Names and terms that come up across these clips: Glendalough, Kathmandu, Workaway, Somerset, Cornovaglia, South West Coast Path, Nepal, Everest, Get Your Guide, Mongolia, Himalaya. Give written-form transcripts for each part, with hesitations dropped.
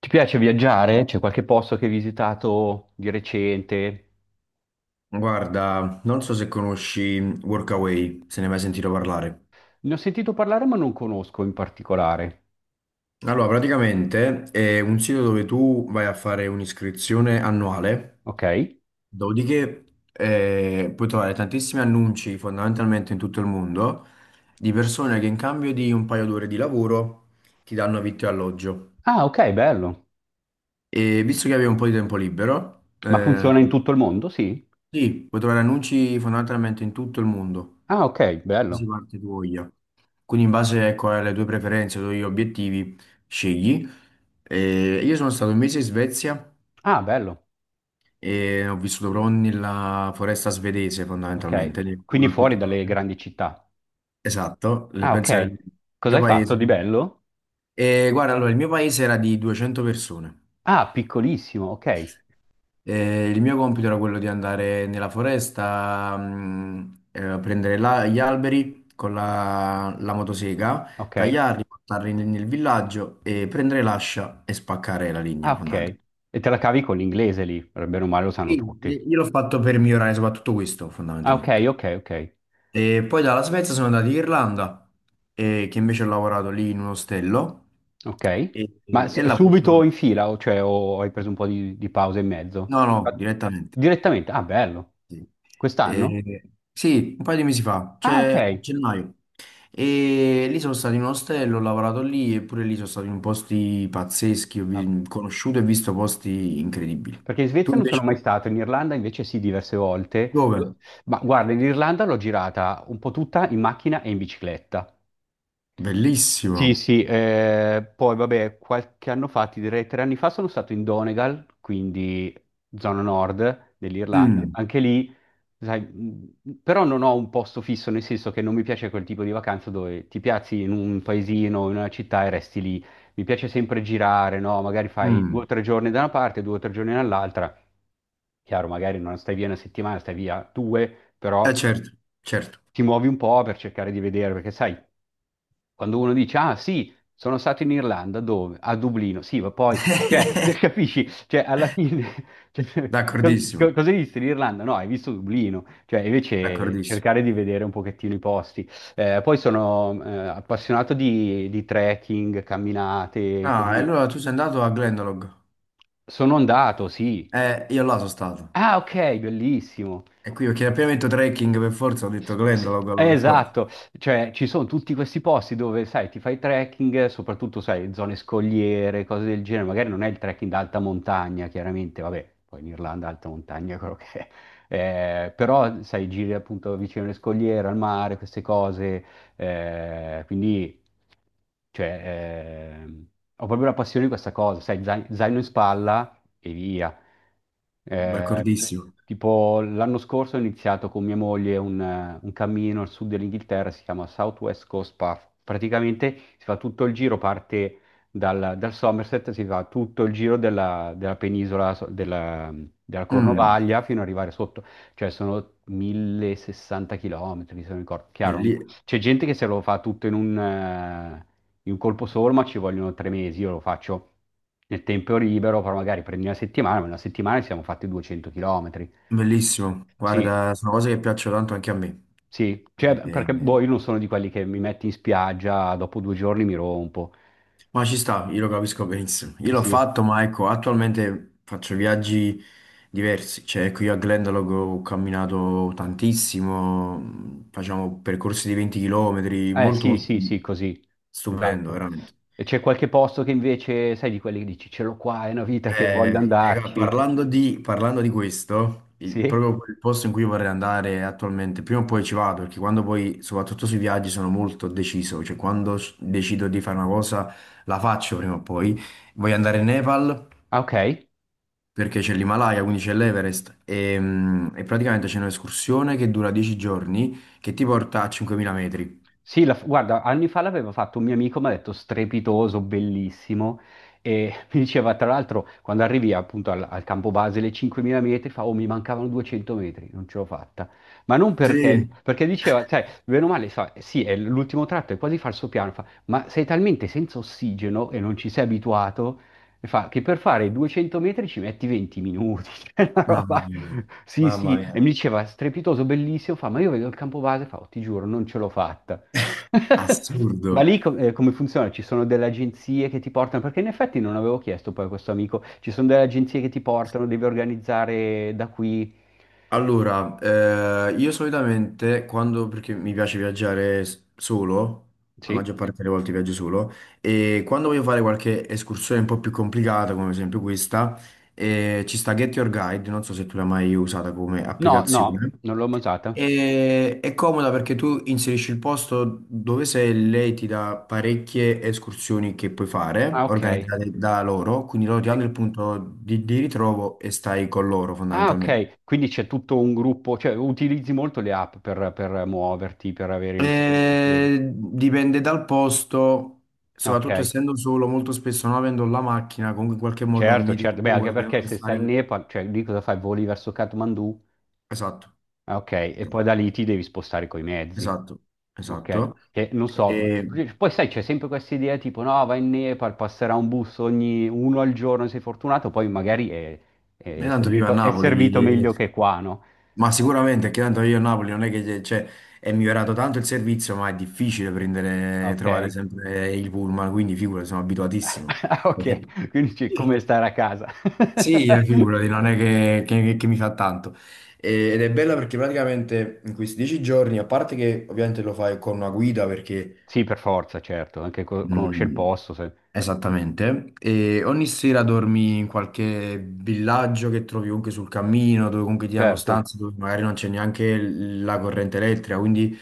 Ti piace viaggiare? C'è qualche posto che hai visitato di recente? Guarda, non so se conosci Workaway, se ne hai mai sentito parlare. Ne ho sentito parlare, ma non conosco in particolare. Allora, praticamente è un sito dove tu vai a fare un'iscrizione annuale, Ok? dopodiché puoi trovare tantissimi annunci fondamentalmente in tutto il mondo di persone che in cambio di un paio d'ore di lavoro ti danno vitto e alloggio. Ah, ok, bello. E visto che avevi un po' di tempo libero, Ma funziona in tutto il mondo? Sì. sì, puoi trovare annunci fondamentalmente in tutto il mondo. Ah, ok, Si bello. parte tu voglia. Quindi in base, ecco, alle tue preferenze, ai tuoi obiettivi, scegli. E io sono stato 1 mese in Svezia Ah, bello. e ho vissuto proprio nella foresta svedese fondamentalmente, Ok. nel Quindi nulla fuori dalle pittorale. grandi città. Esatto, Ah, ok. penso il Cosa mio hai, sì, fatto paese. di bello? E guarda, allora, il mio paese era di 200 persone. Ah, piccolissimo. Ok. Il mio compito era quello di andare nella foresta, a prendere gli alberi con la motosega, Ok. tagliarli, portarli nel villaggio e prendere l'ascia e spaccare la legna, Ah, ok. fondamentalmente. E te la cavi con l'inglese lì, per bene o male lo sanno Sì, tutti. io l'ho fatto per migliorare soprattutto questo, Ah, ok, fondamentalmente. ok, ok. E poi dalla Svezia sono andato in Irlanda, che invece ho lavorato lì in un ostello Ok. e, Ma e lavoro solo. subito in fila, o, cioè, o hai preso un po' di pausa in mezzo? No, no, direttamente. Direttamente? Ah, bello. Sì, Quest'anno? Sì, un paio di mesi fa, Ah, cioè a ok. gennaio. E lì sono stato in un ostello, ho lavorato lì e pure lì sono stato in posti pazzeschi, Ah, ok. Conosciuto e visto posti incredibili. Perché in Tu Svezia non sono mai invece? stato, in Irlanda invece sì, diverse volte. Dove? Ma guarda, in Irlanda l'ho girata un po' tutta in macchina e in bicicletta. Sì, Bellissimo. sì, poi vabbè, qualche anno fa, ti direi 3 anni fa, sono stato in Donegal, quindi zona nord dell'Irlanda. Mm, Anche lì, sai, però non ho un posto fisso, nel senso che non mi piace quel tipo di vacanza dove ti piazzi in un paesino, in una città e resti lì. Mi piace sempre girare, no? Magari fai due o mm. tre giorni da una parte, 2 o 3 giorni dall'altra. Chiaro, magari non stai via una settimana, stai via due, Eh però certo, certo. ti muovi un po' per cercare di vedere, perché sai. Quando uno dice, ah sì, sono stato in Irlanda, dove? A Dublino, sì, ma poi, cioè, capisci? Cioè, alla fine, cioè, D'accordissimo, cosa hai visto in Irlanda? No, hai visto Dublino, cioè, invece d'accordissimo. cercare di vedere un pochettino i posti. Poi sono appassionato di trekking, camminate, Ah, e così. allora tu sei andato a Glendalough? Sono andato, sì. Io là sono stato. Ah, ok, bellissimo. E qui perché appena ho detto trekking per forza, ho detto Sì, Glendalough allora per forza. esatto, cioè ci sono tutti questi posti dove, sai, ti fai trekking, soprattutto, sai, zone scogliere, cose del genere, magari non è il trekking d'alta montagna, chiaramente, vabbè, poi in Irlanda alta montagna è quello che è, eh, però, sai, giri appunto vicino alle scogliere, al mare, queste cose, quindi, cioè, ho proprio la passione di questa cosa, sai, zaino in spalla e via. Eh, t- D'accordissimo. tipo l'anno scorso ho iniziato con mia moglie un cammino al sud dell'Inghilterra, si chiama South West Coast Path. Praticamente si fa tutto il giro, parte dal Somerset, si fa tutto il giro della, della penisola, della Mm, Cornovaglia fino ad arrivare sotto, cioè sono 1.060 chilometri, se non ricordo. Chiaro, belli- c'è gente che se lo fa tutto in un colpo solo, ma ci vogliono 3 mesi, io lo faccio nel tempo libero, però magari prendi una settimana, ma in una settimana ci siamo fatti 200 km. bellissimo. Sì, Guarda, sono cose che piacciono tanto anche a me. sì, cioè, Eh, perché boh, io non sono di quelli che mi metti in spiaggia, dopo 2 giorni mi rompo. ma ci sta, io lo capisco benissimo. Io l'ho Sì. fatto, ma ecco, attualmente faccio viaggi diversi. Cioè, qui a Glendalough ho camminato tantissimo, facciamo percorsi di 20 km, Eh molto, sì, molto sì, sì, così, stupendo, esatto. veramente. E c'è qualche posto che invece, sai, di quelli che dici, ce l'ho qua, è una vita che voglio andarci. Parlando di questo, Sì? proprio il posto in cui vorrei andare attualmente, prima o poi ci vado, perché quando poi, soprattutto sui viaggi, sono molto deciso, cioè quando decido di fare una cosa, la faccio prima o poi. Voglio andare in Nepal Ah, ok. perché c'è l'Himalaya, quindi c'è l'Everest e praticamente c'è un'escursione che dura 10 giorni che ti porta a 5.000 metri. Sì, guarda, anni fa l'aveva fatto un mio amico, mi ha detto strepitoso, bellissimo, e mi diceva tra l'altro quando arrivi appunto al campo base le 5.000 metri, fa, oh mi mancavano 200 metri, non ce l'ho fatta, ma non perché, Sì, perché diceva, sai, bene o male, sa, sì, è l'ultimo tratto, è quasi falso piano, fa, ma sei talmente senza ossigeno e non ci sei abituato, e fa, che per fare 200 metri ci metti 20 minuti, cioè una mamma roba... mia, Sì, mamma sì, mia, e mi diceva strepitoso, bellissimo, fa, ma io vedo il campo base, fa, "Oh, ti giuro, non ce l'ho fatta." assurdo. Ma lì come funziona? Ci sono delle agenzie che ti portano, perché in effetti non avevo chiesto poi a questo amico, ci sono delle agenzie che ti portano, devi organizzare da qui. Allora, io solitamente quando, perché mi piace viaggiare solo, la Sì? maggior parte delle volte viaggio solo, e quando voglio fare qualche escursione un po' più complicata, come ad esempio questa, ci sta Get Your Guide, non so se tu l'hai mai usata come No, no, applicazione, non l'ho mai usata. e è comoda perché tu inserisci il posto dove sei e lei ti dà parecchie escursioni che puoi Ah, fare, ok. organizzate da loro, quindi loro ti danno Sì. il punto di ritrovo e stai con loro Ah, fondamentalmente. ok. Quindi c'è tutto un gruppo, cioè utilizzi molto le app per muoverti, per avere i riferimenti. Vedo. Dipende dal posto, Ok, soprattutto essendo solo, molto spesso non avendo la macchina, comunque in qualche modo certo, mi devo certo. Beh, anche muovere per perché non se stai in stare. Nepal, cioè lì cosa fai? Voli verso Kathmandu? Esatto, Ah, ok, e poi da lì ti devi spostare coi mezzi. esatto, Ok, esatto. che non so, E, perché poi sai, c'è sempre questa idea tipo no, va in Nepal, passerà un bus ogni uno al giorno, sei fortunato, poi magari e è tanto vivo a servito, ma è no, servito Napoli, meglio che qua, no? ma sicuramente che tanto io a Napoli non è che cioè, è migliorato tanto il servizio, ma è difficile Ma prendere, trovare ok, sempre il pullman, quindi figura, sono abituatissimo. poi, ok, quindi c'è come stare a casa. Sì, Ma poi. figurati, non è che mi fa tanto. Ed è bella perché praticamente in questi 10 giorni, a parte che ovviamente lo fai con una guida perché Sì, per forza, certo, anche conosce il mm, posto, esattamente. E ogni sera dormi in qualche villaggio che trovi comunque sul cammino, dove comunque ti danno certo. stanze dove magari non c'è neanche la corrente elettrica, quindi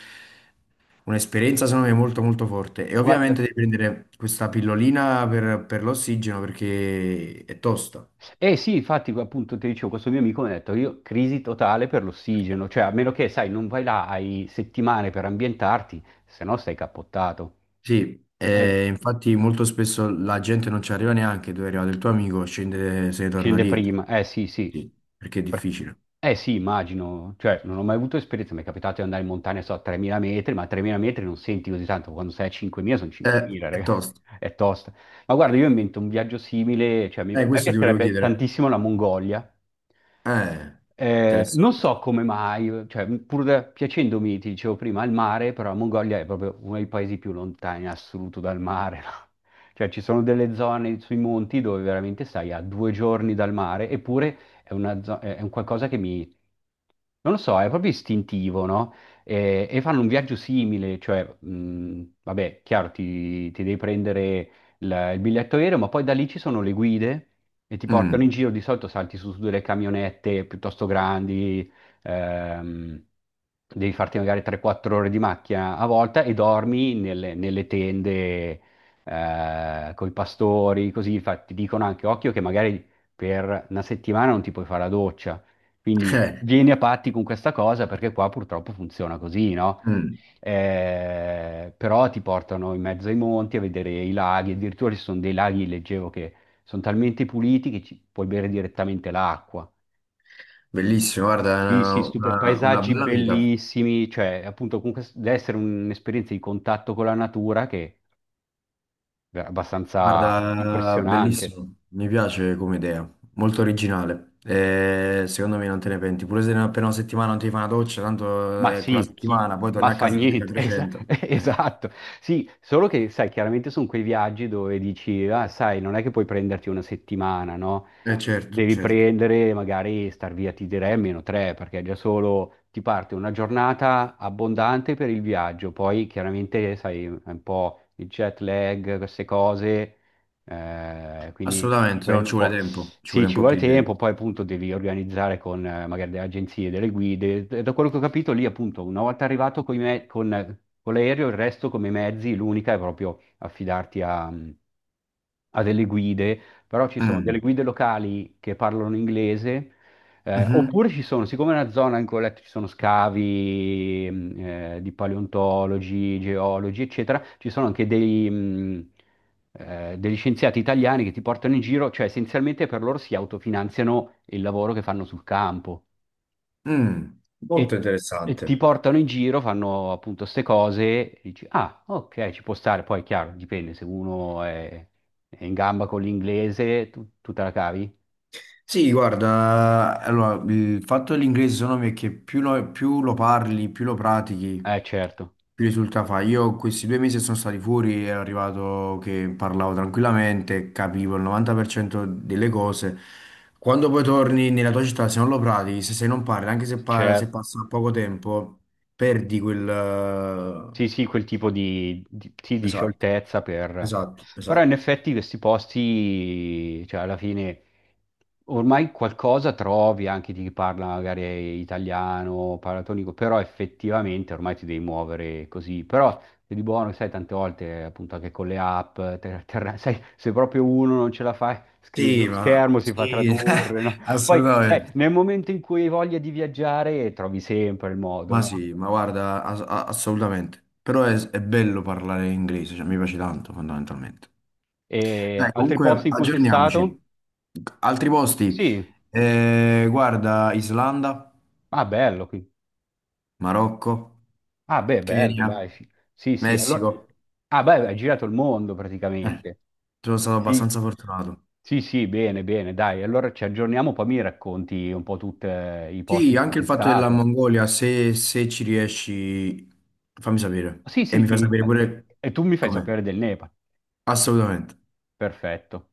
un'esperienza secondo me molto molto forte. E ovviamente Guarda, devi prendere questa pillolina per l'ossigeno perché è tosta. eh sì, infatti, appunto, ti dicevo, questo mio amico mi ha detto, io crisi totale per l'ossigeno, cioè a meno che, sai, non vai là, hai settimane per ambientarti, se no stai cappottato. Sì, Eh, e infatti molto spesso la gente non ci arriva neanche dove è arrivato il tuo amico, scende, se ne torna scende dietro. prima, eh sì, sì. Sì, perché è Per- difficile. Eh sì, immagino, cioè non ho mai avuto esperienza, mi è capitato di andare in montagna, so, a 3.000 metri, ma a 3.000 metri non senti così tanto, quando sei a 5.000 sono 5.000, È ragazzi, tosto. è tosta. Ma guarda, io invento un viaggio simile, cioè a me Questo ti volevo piacerebbe chiedere. tantissimo la Mongolia. Eh, Non Interessante. so come mai, cioè, pur piacendomi, ti dicevo prima, il mare, però la Mongolia è proprio uno dei paesi più lontani in assoluto dal mare, no? Cioè, ci sono delle zone sui monti dove veramente stai a 2 giorni dal mare, eppure è è un qualcosa che non lo so, è proprio istintivo, no? E fanno un viaggio simile, cioè, vabbè, chiaro, ti devi prendere il biglietto aereo, ma poi da lì ci sono le guide e ti portano Mm. in giro, di solito salti su, su delle camionette piuttosto grandi, ehm, devi farti magari 3-4 ore di macchina a volta e dormi nelle, nelle tende con i pastori, così ti dicono anche occhio che magari per una settimana non ti puoi fare la doccia. Quindi Eh, vieni a patti con questa cosa perché qua purtroppo funziona così, no? mm. Però ti portano in mezzo ai monti a vedere i laghi, addirittura ci sono dei laghi, leggevo, che sono talmente puliti che ci puoi bere direttamente l'acqua. Bellissimo, guarda, Sì, una, sì, una- una paesaggi bella vita. bellissimi, cioè appunto comunque deve essere un'esperienza di contatto con la natura che è abbastanza Guarda, impressionante. bellissimo. Mi piace come idea, molto originale. Secondo me non te ne penti. Pure se appena una settimana non ti fai una doccia, tanto Ma è quella sì, settimana, poi torni ma a fa casa e te ne fai niente, Esa- 300. Eh. esatto. Sì, solo che, sai, chiaramente sono quei viaggi dove dici, ah, sai, non è che puoi prenderti una settimana, no? Certo, Devi certo, prendere, magari star via, ti direi almeno tre, perché già solo ti parte una giornata abbondante per il viaggio, poi chiaramente, sai, è un po' il jet lag, queste cose, quindi assolutamente, no, prendo ci un vuole po'. tempo, ci Sì, vuole un ci po' vuole più di tempo. tempo, poi appunto devi organizzare con magari delle agenzie, delle guide. E da quello che ho capito lì, appunto, una volta arrivato coi con l'aereo, il resto come mezzi, l'unica è proprio affidarti a delle guide, però ci sono delle Mm. guide locali che parlano inglese, Mhm. oppure ci sono, siccome è una zona in cui ho letto ci sono scavi di paleontologi, geologi, eccetera, ci sono anche degli scienziati italiani che ti portano in giro, cioè essenzialmente per loro si autofinanziano il lavoro che fanno sul campo Mm. e, Molto ottimo. E ti interessante. portano in giro, fanno appunto ste cose, e dici, ah, ok, ci può stare, poi è chiaro, dipende, se uno è in gamba con l'inglese, tu te la cavi? Sì, guarda, allora, il fatto dell'inglese secondo me è che più lo parli, più lo pratichi, Certo, più risulta fa. Io questi due mesi che sono stati fuori e è arrivato che parlavo tranquillamente, capivo il 90% delle cose. Quando poi torni nella tua città, se non lo pratichi, se non parli, anche se certo. passa poco tempo, perdi quel. Sì, sì, quel tipo sì, di Esatto, scioltezza per... esatto, Però in esatto. effetti questi posti, cioè alla fine, ormai qualcosa trovi anche di chi parla magari italiano, paratonico, però effettivamente ormai ti devi muovere così. Però se di buono, sai, tante volte appunto anche con le app, sai, se proprio uno non ce la fa, scrive Sì, sullo schermo, si fa Sì, tradurre, no? Poi, sai, assolutamente. nel momento in cui hai voglia di viaggiare, trovi sempre il modo, Ma no? sì, ma guarda, assolutamente. Però è bello parlare inglese, cioè mi piace tanto fondamentalmente. E Dai, altri comunque posti in cui sei stato? aggiorniamoci. Altri posti? Sì. Guarda, Islanda, Ah, bello. Marocco, Ah, beh, bello, Kenya, dai. Sì, sì. Sì, allora... Messico. Ah, beh, hai girato il mondo Eh, praticamente. Sono stato Sì. abbastanza fortunato. Sì, sì, bene, bene, dai. Allora ci aggiorniamo, poi mi racconti un po' tutti i posti Sì, in cui anche il sei fatto della stato. Mongolia, se ci riesci, fammi sapere. Sì, E sì, mi fai ti... sapere pure E tu mi fai com'è. sapere del Nepal. Assolutamente. Perfetto.